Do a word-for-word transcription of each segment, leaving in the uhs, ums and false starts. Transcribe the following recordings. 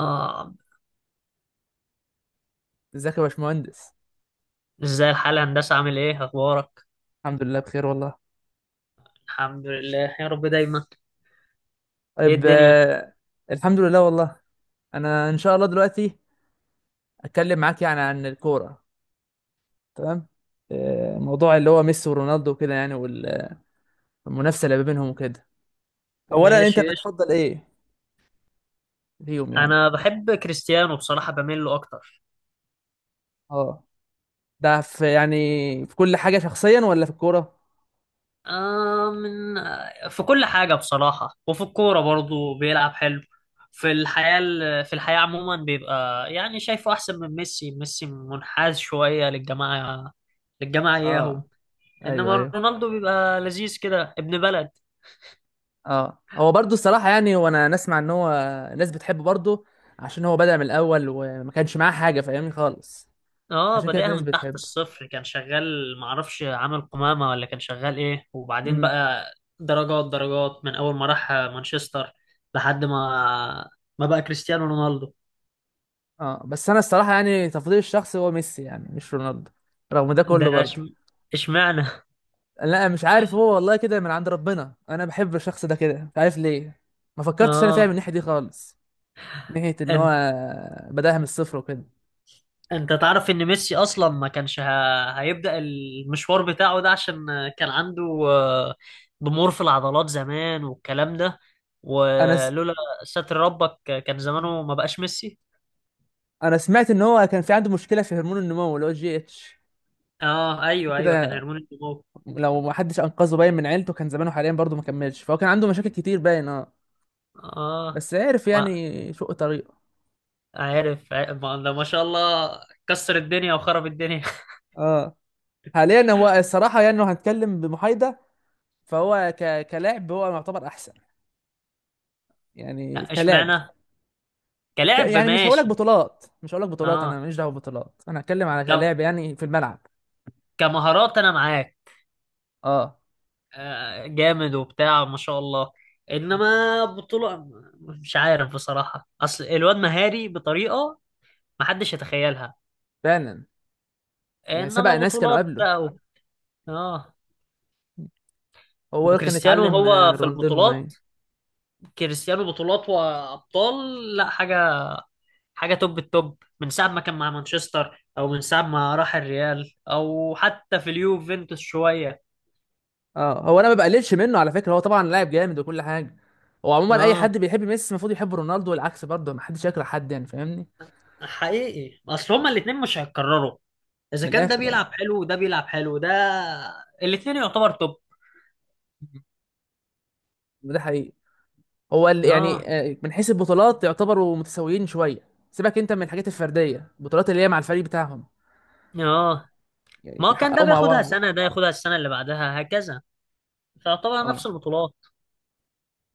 آه. ازيك يا باشمهندس؟ ازاي الحال يا هندسة؟ عامل ايه؟ اخبارك؟ الحمد لله بخير والله. الحمد لله يا رب دايما. ايه طيب، الدنيا؟ آه، الحمد لله والله. انا ان شاء الله دلوقتي اتكلم معاك يعني عن الكوره. تمام. آه، موضوع اللي هو ميسي ورونالدو وكده يعني، والمنافسه اللي ما بينهم وكده. اولا انت ماشي قشطة. بتفضل ايه فيهم يعني؟ انا بحب كريستيانو بصراحة، بميل له اكتر. اه، ده في يعني في كل حاجه شخصيا ولا في الكوره؟ آه من آه، في كل حاجة بصراحة، وفي الكورة برضه بيلعب حلو. في الحياة ال- في الحياة عموما بيبقى يعني شايفه احسن من ميسي. ميسي منحاز شوية للجماعة للجماعة اه، اياهم. ايوه انما ايوه. رونالدو بيبقى لذيذ كده، ابن بلد. اه، هو برضو الصراحه يعني، هو انا نسمع ان هو الناس بتحبه برضو عشان هو بدأ من الاول وما كانش معاه حاجه، فاهمني؟ خالص اه، عشان كده في بادئها ناس من تحت بتحبه. الصفر، كان شغال معرفش عامل قمامة ولا كان شغال ايه، وبعدين امم بقى درجات درجات، من اول ما راح مانشستر لحد ما ما بقى كريستيانو رونالدو. اه، بس انا الصراحه يعني تفضيلي الشخصي هو ميسي يعني، مش رونالدو رغم ده ده كله برضه. إش- اشمعنى؟ لا، مش عارف، هو والله كده من عند ربنا، انا بحب الشخص ده كده مش عارف ليه. ما فكرتش انا فيها من اه، الناحيه دي خالص، من ناحيه ان هو انت بداها من الصفر وكده. انت تعرف ان ميسي اصلا ما كانش ه... هيبدأ المشوار بتاعه ده؟ عشان كان عنده آه، ضمور في العضلات زمان والكلام ده، انا س... ولولا ستر ربك كان زمانه ما بقاش ميسي. انا سمعت ان هو كان في عنده مشكله في هرمون النمو اللي هو الجي اتش اه، ايوه، ايوه، كان كده. هرمون النمو. لو ما حدش انقذه باين من عيلته كان زمانه حاليا برضه ما كملش، فهو كان عنده مشاكل كتير باين. اه، اه، بس عرف ما يعني شق طريقه. عارف ع- ما ده ما شاء الله، كسر الدنيا وخرب الدنيا. اه، حاليا هو الصراحه يعني لو هنتكلم بمحايده فهو ك... كلاعب هو يعتبر احسن، يعني لا، كلاعب. اشمعنى؟ ك... كلاعب يعني مش هقولك ماشي. بطولات مش هقولك بطولات، انا اه، ماليش دعوه ببطولات، انا هتكلم على ك... كلاعب يعني في الملعب. كمهارات انا معاك. اه آه، جامد وبتاع ما شاء الله، انما بطولة مش عارف بصراحة، اصل الواد مهاري بطريقة ما حدش يتخيلها، فعلا، يعني سبق انما ناس كانوا بطولات قبله. بقى و... اه، هو كان وكريستيانو اتعلم، آه، هو في رونالدينهو باين. البطولات. كريستيانو بطولات وابطال، لا حاجة، حاجه توب التوب من ساعه ما كان مع مانشستر او من ساعه ما راح الريال او حتى في اليوفنتوس شويه. اه، هو انا ما بقللش منه على فكره، هو طبعا لاعب جامد وكل حاجه. هو عموما اي اه، حد بيحب ميسي المفروض يحب رونالدو والعكس برضه، ما حدش يكره حد يعني، فاهمني؟ حقيقي، اصل هما الاثنين مش هيتكرروا. اذا من كان ده الاخر اه، بيلعب حلو وده بيلعب حلو، ده الاثنين يعتبر توب. ده حقيقي. هو ال- اه، يعني آه، من حيث البطولات يعتبروا متساويين شويه، سيبك انت من الحاجات الفرديه، البطولات اللي هي مع الفريق بتاعهم اه، يعني، ما هو كان ده حققوا مع بياخدها بعض. سنه، ده ياخدها السنه اللي بعدها، هكذا، تعتبر نفس اه، البطولات.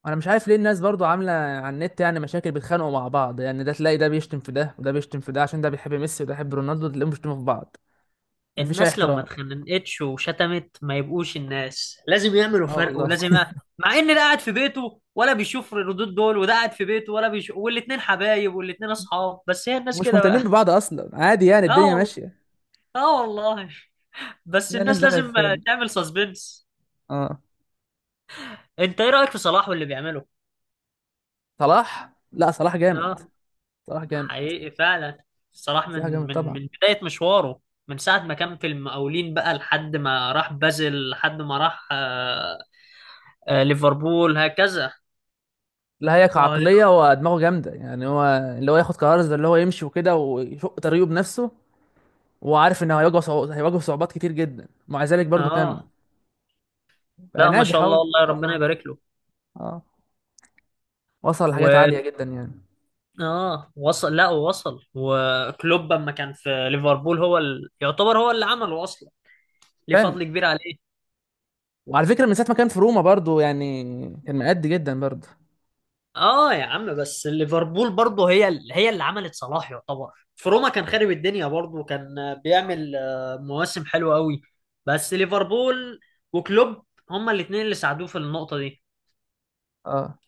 انا مش عارف ليه الناس برضو عامله على النت يعني مشاكل، بيتخانقوا مع بعض يعني، ده تلاقي ده بيشتم في ده وده بيشتم في ده عشان ده بيحب ميسي وده بيحب رونالدو، تلاقيهم بيشتموا في بعض. مفيش اي الناس لو ما احترام. اتخنقتش وشتمت ما يبقوش الناس، لازم يعملوا اه فرق والله. ولازم يع- مع ان ده قاعد في بيته ولا بيشوف الردود دول، وده قاعد في بيته ولا بيشوف، والاتنين حبايب والاتنين اصحاب، بس هي الناس مش كده بقى. مهتمين ببعض اصلا، عادي يعني، اه، الدنيا والله، ماشيه. اه، والله. بس لا، الناس الناس دخلت لازم فين؟ تعمل سسبنس. اه، انت ايه رأيك في صلاح واللي بيعمله؟ صلاح لا، صلاح جامد. اه، صلاح جامد. حقيقي فعلا. صلاح صلاح من جامد من طبعا. من بداية مشواره، من ساعة ما كان في المقاولين بقى لحد ما راح بازل لحد ما راح آه، آه، ليفربول هكذا. لا، هي كعقلية هو دماغه جامدة يعني، هو اللي هو ياخد قرار زي اللي هو يمشي وكده ويشق طريقه بنفسه، وهو عارف انه هيواجه صعو... هيواجه صعوبات كتير جدا ومع ذلك برضه كمل، اه، بقى لا، ما ناجح شاء اهو الله ان والله، شاء ربنا الله. يبارك له. اه، وصل لحاجات و عالية جدا يعني. اه، وصل، لا وصل، وكلوب لما كان في ليفربول، هو ال... يعتبر هو اللي عمله اصلا، ليه فعلا، فضل كبير عليه. وعلى فكرة من ساعة ما كان في روما برضه يعني، كان مأدي جدا برضه. اه، يا عم، بس ليفربول برضه هي ال... هي اللي عملت صلاح يعتبر. في روما كان خارب الدنيا برضه، كان اه، بيعمل آه، مواسم حلوه قوي، بس ليفربول وكلوب هما الاثنين اللي ساعدوه في النقطه دي. آه.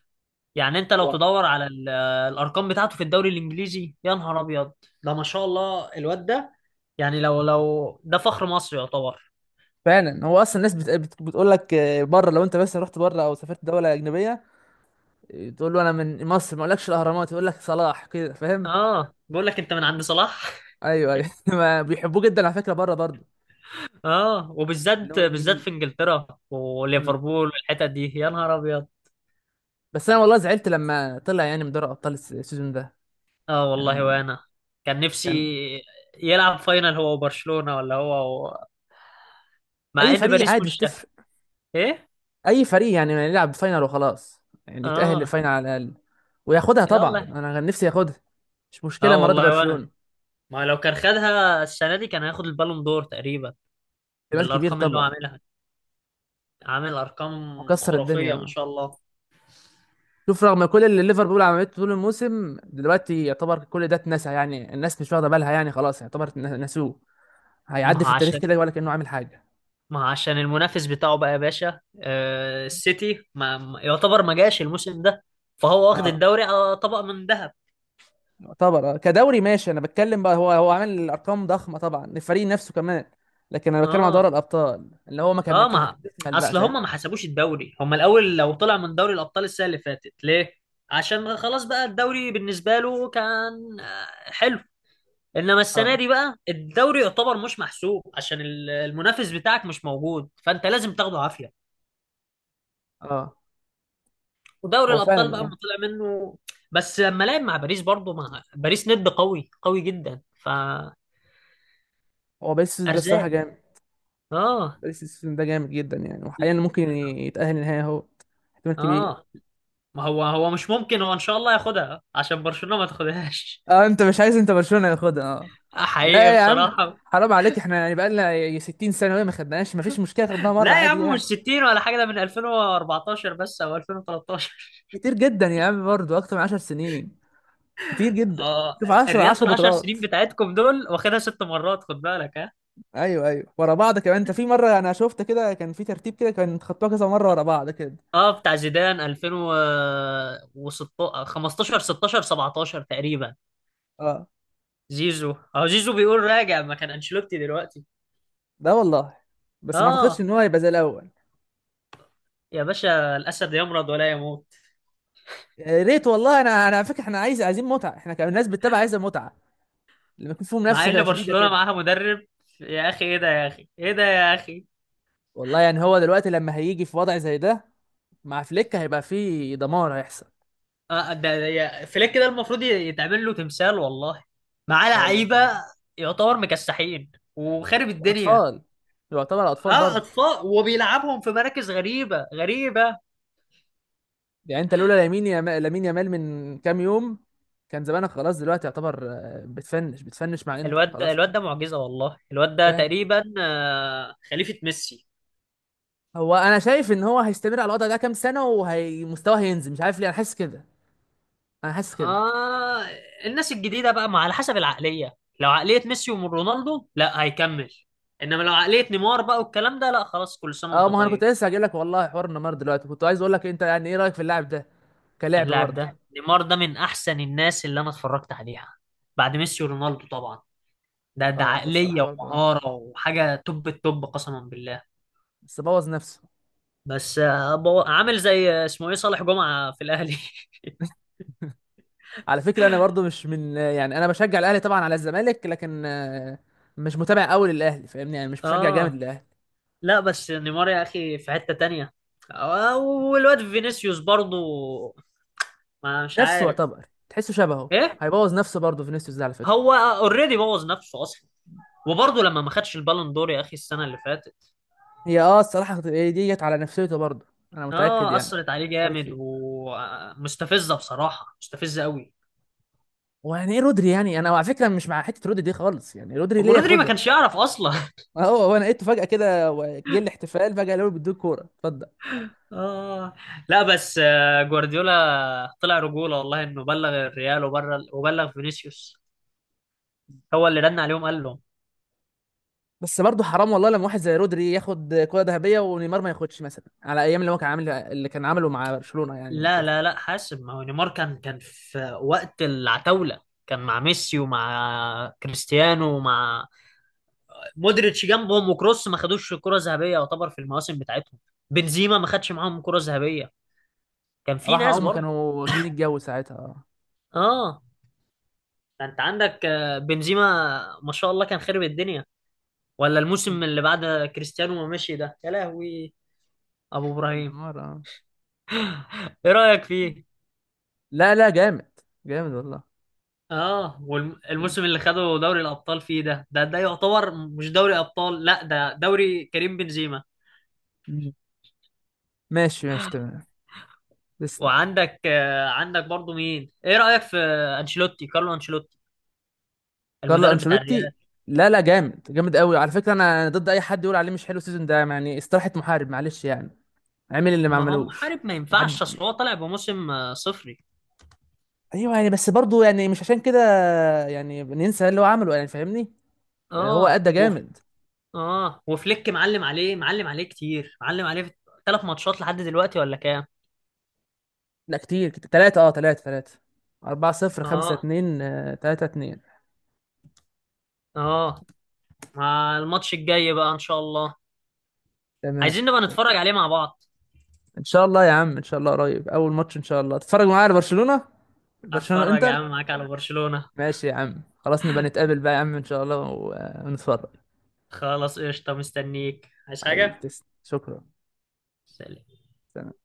يعني انت لو و- تدور على ال- الارقام بتاعته في الدوري الانجليزي، يا نهار ابيض، ده ما شاء الله الواد ده. يعني لو لو ده فخر مصر يعتبر. فعلا، هو اصلا الناس بت... بت... بتقول لك، آه، بره لو انت بس رحت بره او سافرت دولة أجنبية، آه، تقول له انا من مصر ما اقولكش الاهرامات، يقول لك صلاح، كده فاهم. اه، بيقول لك انت من عند صلاح. ايوه ايوه، ما بيحبوه جدا على فكرة بره برضه، اه، اللي وبالذات هم بالذات في الانجليز. انجلترا امم وليفربول والحتت دي، يا نهار ابيض. بس انا والله زعلت لما طلع يعني من دوري ابطال الس- السيزون ده، اه، والله يعني وانا كان نفسي كان يلعب فاينل هو وبرشلونة، ولا هو و... مع اي ان فريق باريس عادي، مش مش. تفرق. ايه؟ اي فريق يعني ما يلعب فاينل وخلاص، يعني يتاهل اه، للفاينل على الاقل وياخدها طبعا، يلا، انا كان نفسي ياخدها. مش مشكله اه، المره دي والله وانا، برشلونه. ما لو كان خدها السنة دي كان هياخد البالون دور تقريبا، احتمال كبير بالارقام اللي هو طبعا، عاملها، عامل ارقام وكسر خرافية ما الدنيا. شاء الله. شوف، رغم كل اللي ليفربول عملته طول الموسم دلوقتي يعتبر كل ده اتنسى يعني، الناس مش واخده بالها يعني، خلاص يعتبر ن- نسوه، ما هيعدي هو في التاريخ عشان كده ولا كانه عامل حاجه. ما عشان المنافس بتاعه بقى يا باشا، آه، السيتي ما ما- يعتبر ما جاش الموسم ده، فهو واخد اه، الدوري على طبق من ذهب. يعتبر آه. كدوري ماشي انا بتكلم بقى، هو هو عامل ارقام ضخمه طبعا، الفريق نفسه كمان. لكن انا بتكلم على دوري اه، الابطال اللي هو ما كمل اه، ما كمل بقى، اصل هم ما فاهمني؟ حسبوش الدوري، هم الاول لو طلع من دوري الابطال السنه اللي فاتت ليه. عشان خلاص بقى الدوري بالنسبه له كان آه، حلو، انما السنه اه دي بقى الدوري يعتبر مش محسوب، عشان ال- المنافس بتاعك مش موجود، فانت لازم تاخده عافيه، اه، ودوري هو الابطال فعلا بقى ما يعني. طلع منه. بس لما لعب مع باريس برضه، مع باريس ند قوي قوي جدا فارزاق. هو باريس السيزون ده الصراحه جامد، اه، باريس السيزون ده جامد جدا يعني، وحاليا ممكن يتاهل النهائي اهو، احتمال كبير. اه، ما هو هو مش ممكن، هو ان شاء الله ياخدها عشان برشلونة ما تاخدهاش. اه، انت مش عايز انت برشلونه ياخدها؟ اه، حقيقي لا يا عم بصراحة. حرام عليك، احنا يعني بقالنا ي- ستين سنه وهي ما خدناهاش، ما فيش مشكله خدناها مره لا يا عادي عم، يعني. مش ستين ولا حاجة، ده من ألفين وأربعتاشر بس او ألفين وتلتاشر. كتير جدا يا عم، برضه اكتر من عشر سنين، كتير جدا. اه، شوف، عشر الريال في عشر العشر بطولات. سنين بتاعتكم دول واخدها ست مرات، خد بالك، ها. ايوه ايوه، ورا بعض كمان، انت في مره انا شفت كده كان في ترتيب كده كان خدتوها كذا مره ورا بعض كده. اه، بتاع زيدان، ألفين وخمستاشر، خمستاشر، ستاشر، سبعتاشر تقريبا. اه، زيزو اهو، زيزو بيقول راجع مكان انشيلوتي دلوقتي. ده والله، بس ما اعتقدش اه، ان هو هيبقى زي الاول. يا باشا، الاسد يمرض ولا يموت. يا ريت والله، انا انا على فكره احنا عايز عايزين متعه، احنا كناس بتتابع عايزه متعه لما يكون في مع ان منافسه شديده برشلونة كده. معاها مدرب، يا اخي ايه ده، يا اخي ايه ده، يا اخي، والله يعني هو دلوقتي لما هيجي في وضع زي ده مع فليك هيبقى في دمار هيحصل. آه ده ده- يا فليك ده المفروض ي- يتعمل له تمثال والله. معاه اه والله لعيبة، فعلا. يعتبر مكسحين وخارب الدنيا. واطفال، يعتبر اطفال اه، برضه. اطفال وبيلعبهم في مراكز غريبة غريبة. يعني انت لولا لامين يا لامين يامال من كام يوم، كان زمانك خلاص دلوقتي، يعتبر آه، بتفنش بتفنش، مع انت الواد ده، خلاص كده الواد ده معجزة والله. الواد ده فاهم. تقريبا آه خليفة ميسي. هو انا شايف ان هو هيستمر على الوضع ده كام سنه وهيمستواه هينزل، مش عارف ليه انا حاسس كده، انا حاسس كده. آه الناس الجديدة بقى، ما على حسب العقلية، لو عقلية ميسي ورونالدو لا هيكمل، إنما لو عقلية نيمار بقى والكلام ده، لا خلاص كل سنة اه، وأنت ما هو انا كنت طيب. لسه هجيلك لك والله حوار النمر دلوقتي، كنت عايز اقول لك انت يعني ايه رايك في اللاعب ده، كلاعب اللاعب برضه. ده نيمار ده من أحسن الناس اللي أنا اتفرجت عليها بعد ميسي ورونالدو طبعا. ده ده اه، ده الصراحه عقلية برضه اه، ومهارة وحاجة توب التوب قسما بالله. بس بوظ نفسه. بس آه، بو- عامل زي آه، اسمه إيه، صالح جمعة في الأهلي. على فكره انا برضه مش من، يعني انا بشجع الاهلي طبعا على الزمالك، لكن آه، مش متابع قوي للاهلي، فاهمني يعني؟ مش مشجع جامد آه، للاهلي. لا، بس نيمار يا أخي في حتة تانية. آه، والواد فينيسيوس برضه، ما مش نفسه عارف. يعتبر، تحسه شبهه، إيه؟ هيبوظ نفسه برضه فينيسيوس ده على فكره. هو اوريدي بوظ نفسه اصلا، وبرضه لما ما خدش البالون دور يا اخي السنه اللي فاتت. هي اه الصراحه هي دي جت على نفسيته برضه، انا متاكد اه، يعني، اثرت عليه فكرت جامد، فيه. ومستفزه بصراحه، مستفزه قوي. ويعني ايه رودري؟ يعني انا على فكره مش مع حته رودري دي خالص، يعني رودري ابو ليه رودري ما ياخدها؟ كانش يعرف اصلا. هو هو انا لقيته فجاه كده و- جه الاحتفال فجاه، قالوا له بيدوك كوره اتفضل. اه، لا، بس آه، جوارديولا طلع رجوله والله، انه بلغ الريال وبلغ وبلغ فينيسيوس، هو اللي رن عليهم قال لهم. بس برضه حرام والله لما واحد زي رودري ياخد كوره ذهبيه ونيمار ما ياخدش، مثلا على ايام اللي هو كان عامل اللي كان عامله مع برشلونه يعني لا، وكده. لا، لا، حاسب، ما هو نيمار كان كان في وقت العتاوله، كان مع ميسي ومع كريستيانو ومع مودريتش جنبهم وكروس ما خدوش كرة ذهبية، يعتبر في المواسم بتاعتهم بنزيما ما خدش معاهم كرة ذهبية، كان في راح، ناس هم برضه. كانوا واكلين الجو ساعتها. اه، اه، انت عندك آه، بنزيما، ما شاء الله كان خرب الدنيا، ولا الموسم اللي بعد كريستيانو ما مشي ده، يا لهوي، ابو طب ابراهيم. نيمار اه؟ ايه رأيك فيه؟ لا لا، جامد جامد والله. اه، جامد. والموسم اللي خده دوري الابطال فيه، ده ده ده يعتبر مش دوري ابطال، لا، ده دوري كريم بنزيما. مم. ماشي ماشي تمام. تسلم. وعندك آه، عندك برضه مين، ايه رأيك في انشيلوتي، كارلو انشيلوتي، كارلو المدرب بتاع انشيلوتي. الريال؟ لا لا، جامد جامد قوي على فكره، انا أنا ضد اي حد يقول عليه مش حلو السيزون ده يعني، استراحه محارب معلش يعني، عمل اللي ما ما هو عملوش. محارب ما ما ينفعش، حد. اصل هو طالع بموسم آه، صفري. ايوه يعني، بس برضه يعني مش عشان كده يعني ننسى اللي هو عمله، يعني فاهمني، اللي هو اه، ادى وف... جامد. اه وفليك معلم عليه، معلم عليه كتير، معلم عليه في ثلاث ماتشات لحد دلوقتي ولا كام. لا، كتير كتير، تلاتة اه تلاتة تلاتة، أربعة صفر، خمسة اه، اتنين آه، تلاتة اتنين. اه، مع الماتش الجاي بقى ان شاء الله تمام. عايزين نبقى نتفرج عليه مع بعض. إن شاء الله يا عم، إن شاء الله قريب أول ماتش إن شاء الله تتفرج معايا على برشلونة. برشلونة اتفرج يا إنتر. عم معاك على برشلونة. ماشي يا عم، خلاص نبقى نتقابل بقى يا عم إن شاء الله، و- آه، ونتفرج. خلاص قشطة، مستنيك، عايز حبيبي حاجة؟ تسلم، شكرا. سلام. سلام.